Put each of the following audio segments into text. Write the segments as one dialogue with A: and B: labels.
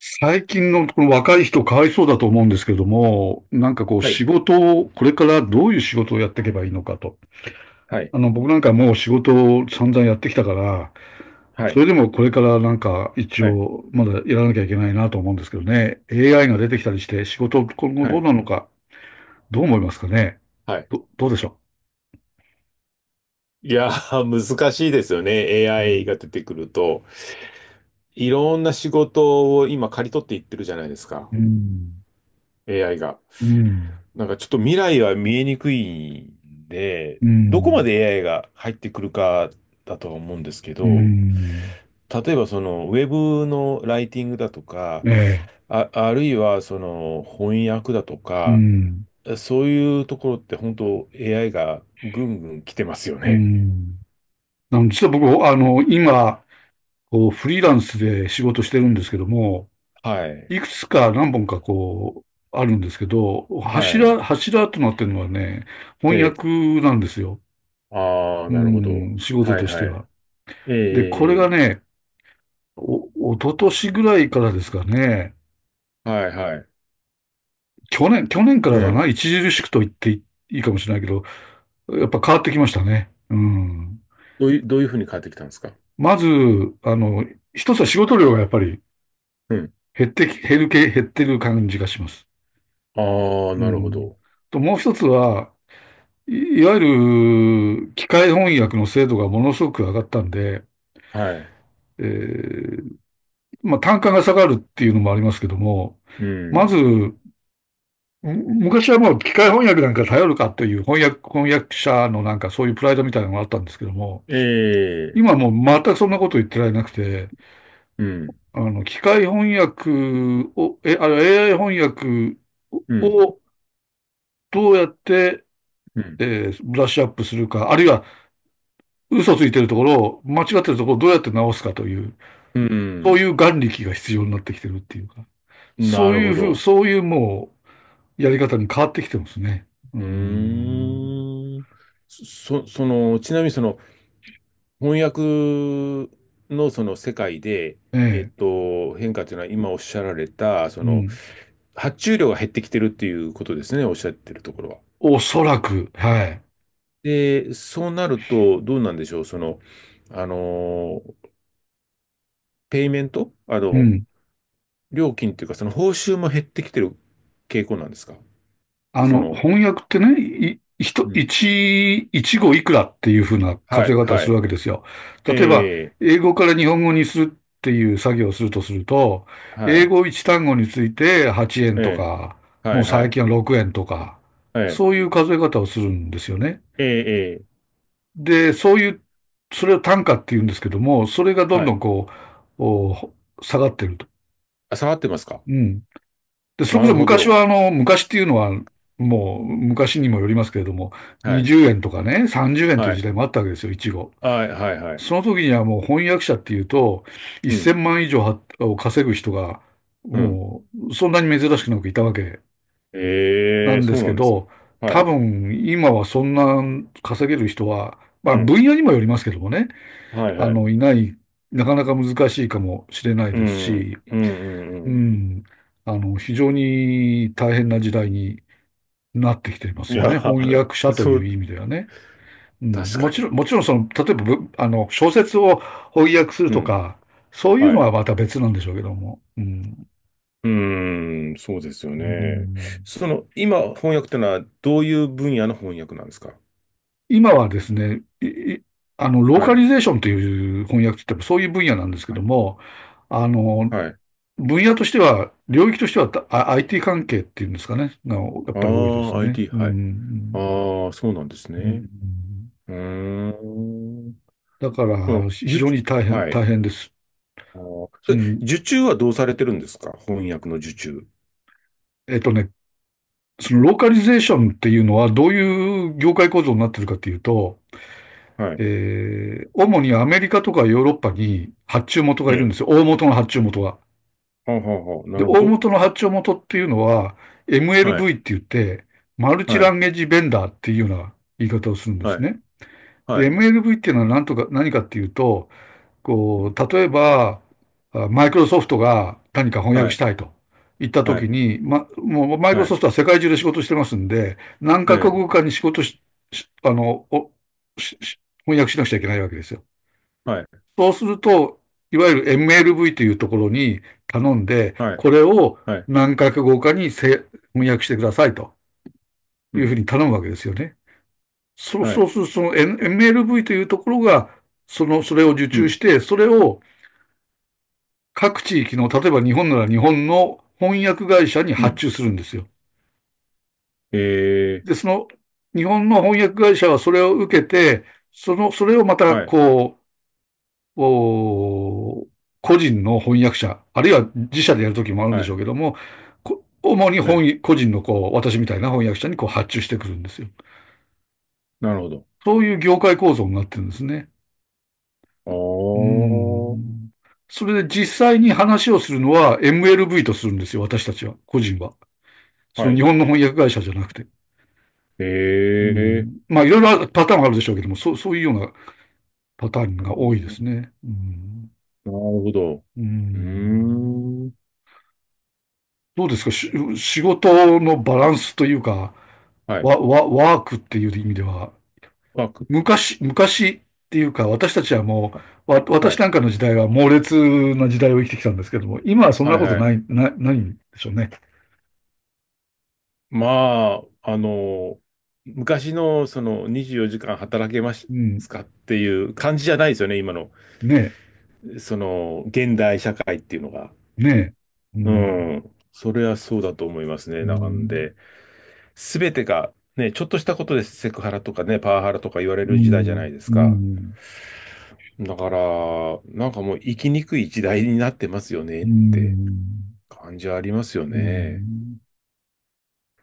A: 最近のこの若い人かわいそうだと思うんですけども、なんかこう
B: は
A: 仕
B: い、
A: 事を、これからどういう仕事をやっていけばいいのかと。
B: はい、
A: 僕なんかもう仕事を散々やってきたから、
B: は
A: そ
B: い、
A: れでもこれからなんか一
B: はい、
A: 応まだやらなきゃいけないなと思うんですけどね。AI が出てきたりして仕事今後
B: は
A: どう
B: い。
A: なのか、どう思いますかね。
B: はい。
A: ど、どうでしょ
B: いやー、難しいですよね。
A: う。う
B: AI
A: ん。
B: が出てくると。いろんな仕事を今刈り取っていってるじゃないですか。
A: うん。
B: AI が。
A: うん。
B: なんかちょっと未来は見えにくいんで、
A: う
B: どこま
A: ん。
B: で AI が入ってくるかだとは思うんですけ
A: う
B: ど、
A: ん。
B: 例えばそのウェブのライティングだとか、
A: ええ。
B: あるいはその翻訳だと
A: う
B: か、
A: ん。
B: そういうところって本当 AI がぐんぐん来てますよ
A: う
B: ね。
A: ん。実は僕、今、こう、フリーランスで仕事してるんですけども、
B: はい。
A: いくつか何本かこう、あるんですけど、
B: はい。
A: 柱となってるのはね、翻訳
B: え
A: なんですよ。
B: ああ、
A: う
B: なるほど。
A: ん、仕事
B: はい
A: として
B: はい。
A: は。で、これが
B: ええ。
A: ね、一昨年ぐらいからですかね、
B: はいはい。
A: 去年か
B: う
A: らかな、
B: ん。
A: 著しくと言っていいかもしれないけど、やっぱ変わってきましたね。うん。
B: どういうふうに変わってきたんですか？
A: まず、あの、一つは仕事量がやっぱり
B: うん。
A: 減ってる感じがします。
B: ああ、
A: う
B: なるほ
A: ん。
B: ど。
A: と、もう一つは、いいわゆる機械翻訳の精度がものすごく上がったんで、
B: はい。
A: えーまあ、単価が下がるっていうのもありますけども、
B: う
A: ま
B: ん。
A: ず、む昔はもう機械翻訳なんか頼るかという翻訳者のなんかそういうプライドみたいなのがあったんですけども、
B: ええ。
A: 今はもう全くそんなこと言ってられなくて、
B: うん。
A: 機械翻訳を、え、あの AI 翻訳
B: うん。
A: をどうやって、
B: うん。
A: ブラッシュアップするか、あるいは嘘ついてるところを、間違ってるところをどうやって直すかという、
B: う
A: そうい
B: ん。
A: う眼力が必要になってきてるっていうか、そ
B: な
A: う
B: る
A: い
B: ほ
A: うふう、
B: ど。
A: そういうもう、やり方に変わってきてますね。う
B: う
A: ーん。
B: ーん。その、ちなみにその、翻訳のその世界で、
A: ええ、
B: 変化というのは今おっしゃられた、
A: う
B: その、
A: ん。
B: 発注量が減ってきてるっていうことですね、おっしゃってるところは。
A: おそらく、はい。
B: で、そうなると、どうなんでしょう、その、あの、ペイメント、
A: うん。
B: 料金っていうか、その報酬も減ってきてる傾向なんですか、その。
A: 翻訳ってね、い、ひと
B: うん。
A: 一、一語いくらっていうふうな
B: は
A: 数え
B: い、
A: 方を
B: は
A: する
B: い。
A: わけですよ。
B: え
A: 例えば、
B: え、
A: 英語から日本語にするっていう作業をするとすると、
B: は
A: 英
B: い、
A: 語一単語について8円
B: え
A: と
B: え、
A: か、
B: は
A: も
B: い、
A: う
B: は
A: 最
B: い、
A: 近は6円とか、
B: ええ、
A: そういう数え方をするんですよね。
B: ええ、え
A: で、そういう、それを単価って言うんですけども、それが
B: え。
A: どん
B: は
A: ど
B: い。
A: んう、お下がってると。
B: あ、下がってますか？
A: うん。で、それ
B: な
A: こ
B: る
A: そ
B: ほ
A: 昔
B: ど。
A: は、昔っていうのは、もう昔にもよりますけれども、
B: はい。
A: 20円とかね、30円
B: は
A: という時
B: い
A: 代もあったわけですよ、いちご。
B: はいはいはい。
A: その時にはもう翻訳者っていうと、
B: うん。
A: 1000万以上を稼ぐ人が、
B: うん。
A: もう、そんなに珍しくなくいたわけな
B: ええ、
A: んで
B: そう
A: す
B: な
A: け
B: んですね。
A: ど、
B: は
A: 多
B: い。
A: 分、今はそんな稼げる人は、まあ、
B: うん。
A: 分野にもよりますけどもね、
B: はいはい。
A: いない、なかなか難しいかもしれない
B: う
A: です
B: ん。
A: し、
B: うんうんう
A: う
B: ん。
A: ん、非常に大変な時代になってきていま
B: い
A: すよ
B: や、
A: ね。翻 訳者と
B: そ
A: いう
B: う、
A: 意味ではね。うん、
B: 確
A: も
B: か
A: ちろん、
B: に。
A: もちろんその、例えばぶ、あの、小説を翻訳する
B: う
A: と
B: ん。
A: か、そういう
B: は
A: のは
B: い。
A: また別なんでしょうけども。うん。
B: うーん、そうですよ
A: う
B: ね。
A: ん。
B: その、今、翻訳ってのは、どういう分野の翻訳なんですか？
A: 今はですね、いいあの、ロー
B: は
A: カ
B: い。
A: リゼーションという翻訳って言ってもそういう分野なんですけ
B: は
A: ど
B: い。
A: も、あの、
B: はい。
A: 分野としては、領域としては、IT 関係っていうんですかね、がやっ
B: あ
A: ぱり多いです
B: あ、
A: ね。う
B: IT、はい。
A: ん。
B: ああ、そうなんです
A: う
B: ね。
A: ん、
B: うーん。
A: だか
B: そ
A: ら、
B: の、
A: 非常
B: 受
A: に大変、
B: はい。
A: 大変です。
B: そ
A: う
B: れ、
A: ん。
B: 受注はどうされてるんですか？翻訳の受注。
A: えっとね、そのローカリゼーションっていうのはどういう業界構造になってるかっていうと、
B: はい。
A: 主にアメリカとかヨーロッパに発注元が
B: え
A: いるんですよ。
B: え。
A: 大元の発注元が。
B: はあはあはあ。な
A: で、
B: るほ
A: 大
B: ど。
A: 元の発注元っていうのは
B: はい。
A: MLV って言って、マルチ
B: は
A: ラ
B: い。
A: ンゲージベンダーっていうような言い方をするんです
B: はい。
A: ね。で、
B: はい。
A: MLV っていうのは何かっていうと、
B: う
A: こ
B: ん。
A: う、例えば、マイクロソフトが何か翻
B: は
A: 訳し
B: い。
A: たいと言ったと
B: は
A: き
B: い。
A: に、もうマイクロ
B: はい。
A: ソフトは世界中で仕事してますんで、何
B: え
A: カ国
B: え。
A: 語かに仕事し、しあの、しし翻訳しなくちゃいけないわけですよ。
B: はい。
A: そうすると、いわゆる MLV というところに頼んで、
B: はい。
A: これを
B: はい。
A: 何カ国語かに翻訳してくださいと
B: う
A: いうふう
B: ん。
A: に頼むわけですよね。そう、
B: は
A: そ
B: い。
A: うすると、その MLV というところが、その、それを受
B: う
A: 注し
B: ん。
A: て、それを各地域の、例えば日本なら日本の翻訳会社に
B: う
A: 発
B: ん。
A: 注するんですよ。
B: ええ。
A: で、その、日本の翻訳会社はそれを受けて、その、それをまた、
B: はい。
A: う、お個人の翻訳者、あるいは自社でやるときもあるんで
B: は
A: しょう
B: い。
A: けども、主に
B: はい。
A: 個人のこう、私みたいな翻訳者にこう発注してくるんですよ。
B: なるほど。
A: そういう業界構造になってるんですね。う
B: おー。
A: ん。それで実際に話をするのは MLV とするんですよ、私たちは、個人は。そ
B: は
A: の日
B: い。
A: 本の翻訳会社じゃなくて。
B: え
A: う
B: え。
A: ん。まあ、いろいろパターンはあるでしょうけども、そういうようなパターンが多いですね。うん。
B: なるほど。
A: う
B: うー
A: ん。
B: ん。
A: どうですか、仕事のバランスというか、
B: はい。
A: ワークっていう意味では、
B: ワーク。
A: 昔っていうか、私たちはもう、わ、
B: は
A: 私な
B: い。
A: んかの時代は猛烈な時代を生きてきたんですけども、今はそんな
B: はい
A: こと
B: は
A: な
B: い。
A: い、な、ないんでしょうね。
B: まあ、昔のその24時間働けます
A: うん。
B: かっていう感じじゃないですよね、今の。
A: ね
B: その、現代社会っていうのが。
A: え、ねえ。う
B: う
A: ん。
B: ん。それはそうだと思いますね。
A: う
B: なん
A: ん。
B: で、すべてが、ね、ちょっとしたことでセクハラとかね、パワハラとか言われ
A: う
B: る時代じゃ
A: ん。
B: ないです
A: う
B: か。
A: ん。
B: だから、なんかもう生きにくい時代になってますよね
A: う
B: って
A: ん。
B: 感じはありますよ
A: う
B: ね。
A: ん。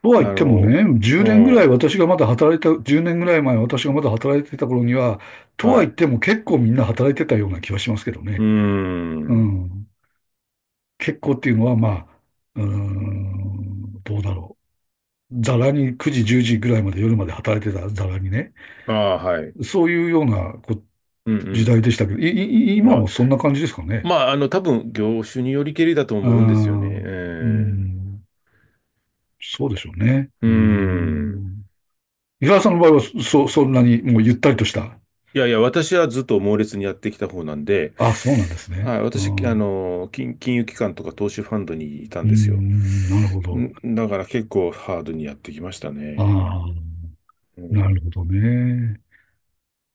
A: とは
B: あ
A: 言っても
B: の、
A: ね、
B: うん。
A: 10年ぐらい前私がまだ働いてた頃には、とは
B: は
A: 言っ
B: い。
A: ても結構みんな働いてたような気はしますけど
B: うー
A: ね。う
B: ん。
A: ん。結構っていうのは、まあ、うーん、どうだろう。ざらに9時、10時ぐらいまで夜まで働いてたざらにね。
B: ああ、はい。
A: そういうような
B: う
A: 時
B: ん
A: 代でしたけど、
B: うん。
A: 今
B: あ、
A: もそんな感じですかね。
B: まあ、多分、業種によりけりだと
A: うー
B: 思うんですよね。
A: ん、うー
B: うん。
A: ん、そうでしょうね。
B: う
A: うー
B: ん。
A: ん。伊沢さんの場合は、そんなにもうゆったりとした。
B: いやいや、私はずっと猛烈にやってきた方なんで、
A: あ、そうなんですね。
B: あ、
A: う
B: 私、
A: ん、う
B: 金融機関とか投資ファンドにいた
A: ー
B: んですよ。
A: ん、なるほど。
B: だから結構ハードにやってきました
A: あ
B: ね。
A: あ、
B: う
A: な
B: ん。
A: るほどね。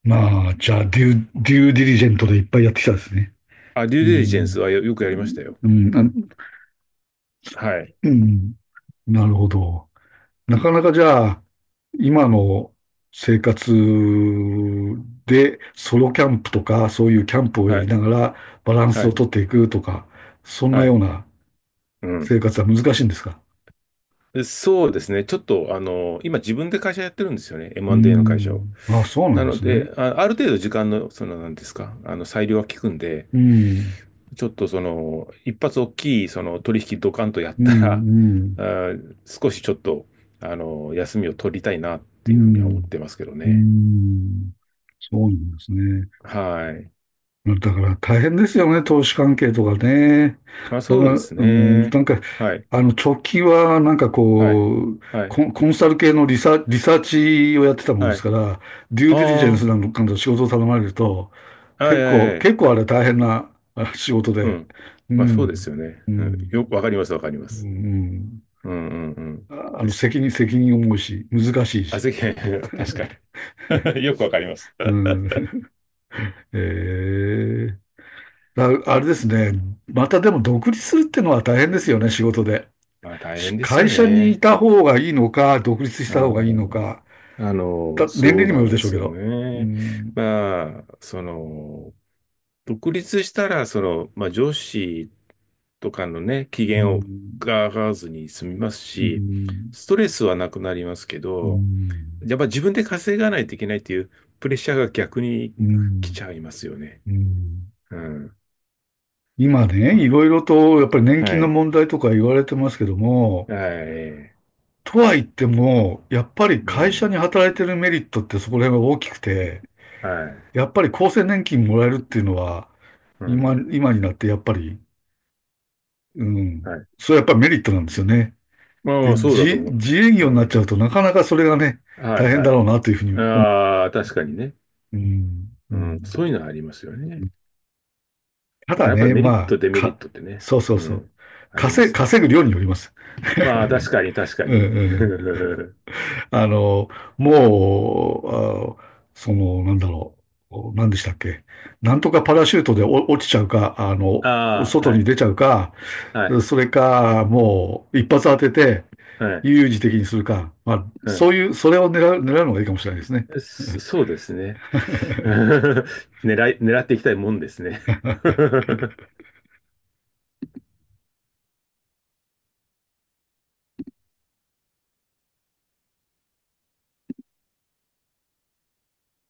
A: まあ、じゃあ、デューディリジェントでいっぱいやってきたですね。
B: あ、デュ
A: う
B: ーデリジェンス
A: ん。
B: はよくやりましたよ。
A: うん、あ、
B: はい。
A: うん、なるほど。なかなかじゃあ、今の生活でソロキャンプとか、そういうキャンプをや
B: は
A: り
B: い。
A: ながらバラン
B: は
A: スを
B: い。
A: とっていくとか、そんな
B: は
A: よ
B: い。
A: うな
B: うん。
A: 生活は難しいんですか？
B: でそうですね。ちょっと、今自分で会社やってるんですよね。
A: う
B: M&A の会社を。
A: ん。あ、そうな
B: な
A: んで
B: の
A: すね。
B: で、ある程度時間の、その、なんですか、裁量は効くんで、
A: うん。
B: ちょっとその、一発大きいその取引ドカンとやっ
A: う
B: たら、
A: ん、うん、
B: 少しちょっと、休みを取りたいなっ
A: う
B: ていうふうには思っ
A: ん、
B: てますけど
A: う
B: ね。
A: ん。そうなんですね。
B: はい。
A: だから大変ですよね、投資関係とかね。
B: まあ
A: だか
B: そう
A: ら、
B: です
A: うん、な
B: ね。
A: んか、
B: はい。
A: 直近は、なんか
B: はい。
A: こう、
B: はい。
A: コンサル系のリサーチをやってたもんで
B: は
A: す
B: い。
A: から、デューディリジェン
B: あ
A: スな
B: あ、
A: のかの仕事を頼まれると、
B: は
A: 結
B: いはい
A: 構、
B: はい。
A: 結構あれ大変なあ 仕事
B: う
A: で、
B: ん。
A: う
B: まあそうで
A: ん、
B: すよね。
A: う
B: うん。
A: ん、
B: わかります、わかりま
A: う
B: す。
A: ん、
B: うんうんうん。ですよね。
A: 責任重いし、難しい
B: あ、
A: し、
B: ぜひ、確かに。よくわかります。
A: うん、えー、あれですね、またでも独立するってのは大変ですよね、仕事で。
B: まあ大変です
A: 会
B: よ
A: 社にい
B: ね。
A: た方がいいのか、独立し
B: う
A: た方がいいの
B: ん。
A: か、年
B: そ
A: 齢
B: う
A: にも
B: な
A: よる
B: ん
A: で
B: で
A: しょう
B: す
A: け
B: よ
A: ど。う
B: ね。
A: ん、
B: まあ、その、独立したら、その、まあ、上司とかのね、機
A: う
B: 嫌を
A: ん、
B: が上がらずに済みます
A: う
B: し、
A: ん、
B: ストレスはなくなりますけ
A: う
B: ど、
A: ん、
B: やっぱ自分で稼がないといけないっていうプレッシャーが逆に
A: う
B: 来ち
A: ん、
B: ゃいますよね。
A: うん。
B: うん。
A: 今
B: ま
A: ね、いろいろと、やっぱり年
B: あは
A: 金の
B: い。
A: 問題とか言われてますけども、
B: はい。
A: とは言っても、やっぱり
B: う
A: 会社
B: ん。
A: に働いてるメリットってそこら辺は大きくて、
B: はい。
A: やっぱり厚生年金もらえるっていうのは、
B: う
A: 今、
B: ん。
A: 今になってやっぱり、うん、
B: はい。
A: それはやっぱりメリットなんですよね。
B: まあま
A: で
B: あ、そうだと
A: 自、
B: 思う。
A: 自営
B: う
A: 業になっち
B: ん。
A: ゃうとなかなかそれがね、
B: はい、
A: 大変
B: は
A: だ
B: い。
A: ろうなというふうに思
B: ああ、確かにね。
A: う。うん、う
B: うん、そう
A: ん。
B: いうのはありますよね。
A: た
B: だか
A: だ
B: らやっぱり
A: ね、
B: メリッ
A: ま
B: ト、
A: あ、
B: デメリットってね、
A: そうそう
B: う
A: そう。
B: ん、ありま
A: 稼、
B: すか
A: 稼ぐ
B: ら。
A: 量によります。
B: まあ、確かに、確か
A: うん、
B: に。
A: うん。あの、もう、その、なんだろう。何でしたっけ。なんとかパラシュートで落ちちゃうか、
B: ああ、
A: 外
B: は
A: に
B: い、
A: 出ちゃうか、
B: はい、
A: それか、もう、一発当てて、
B: はい、
A: 悠々自適にするか、まあ、
B: う
A: そ
B: ん。
A: ういう、それを狙うのがいいかもしれないですね。
B: そうですね。狙っていきたいもんですね。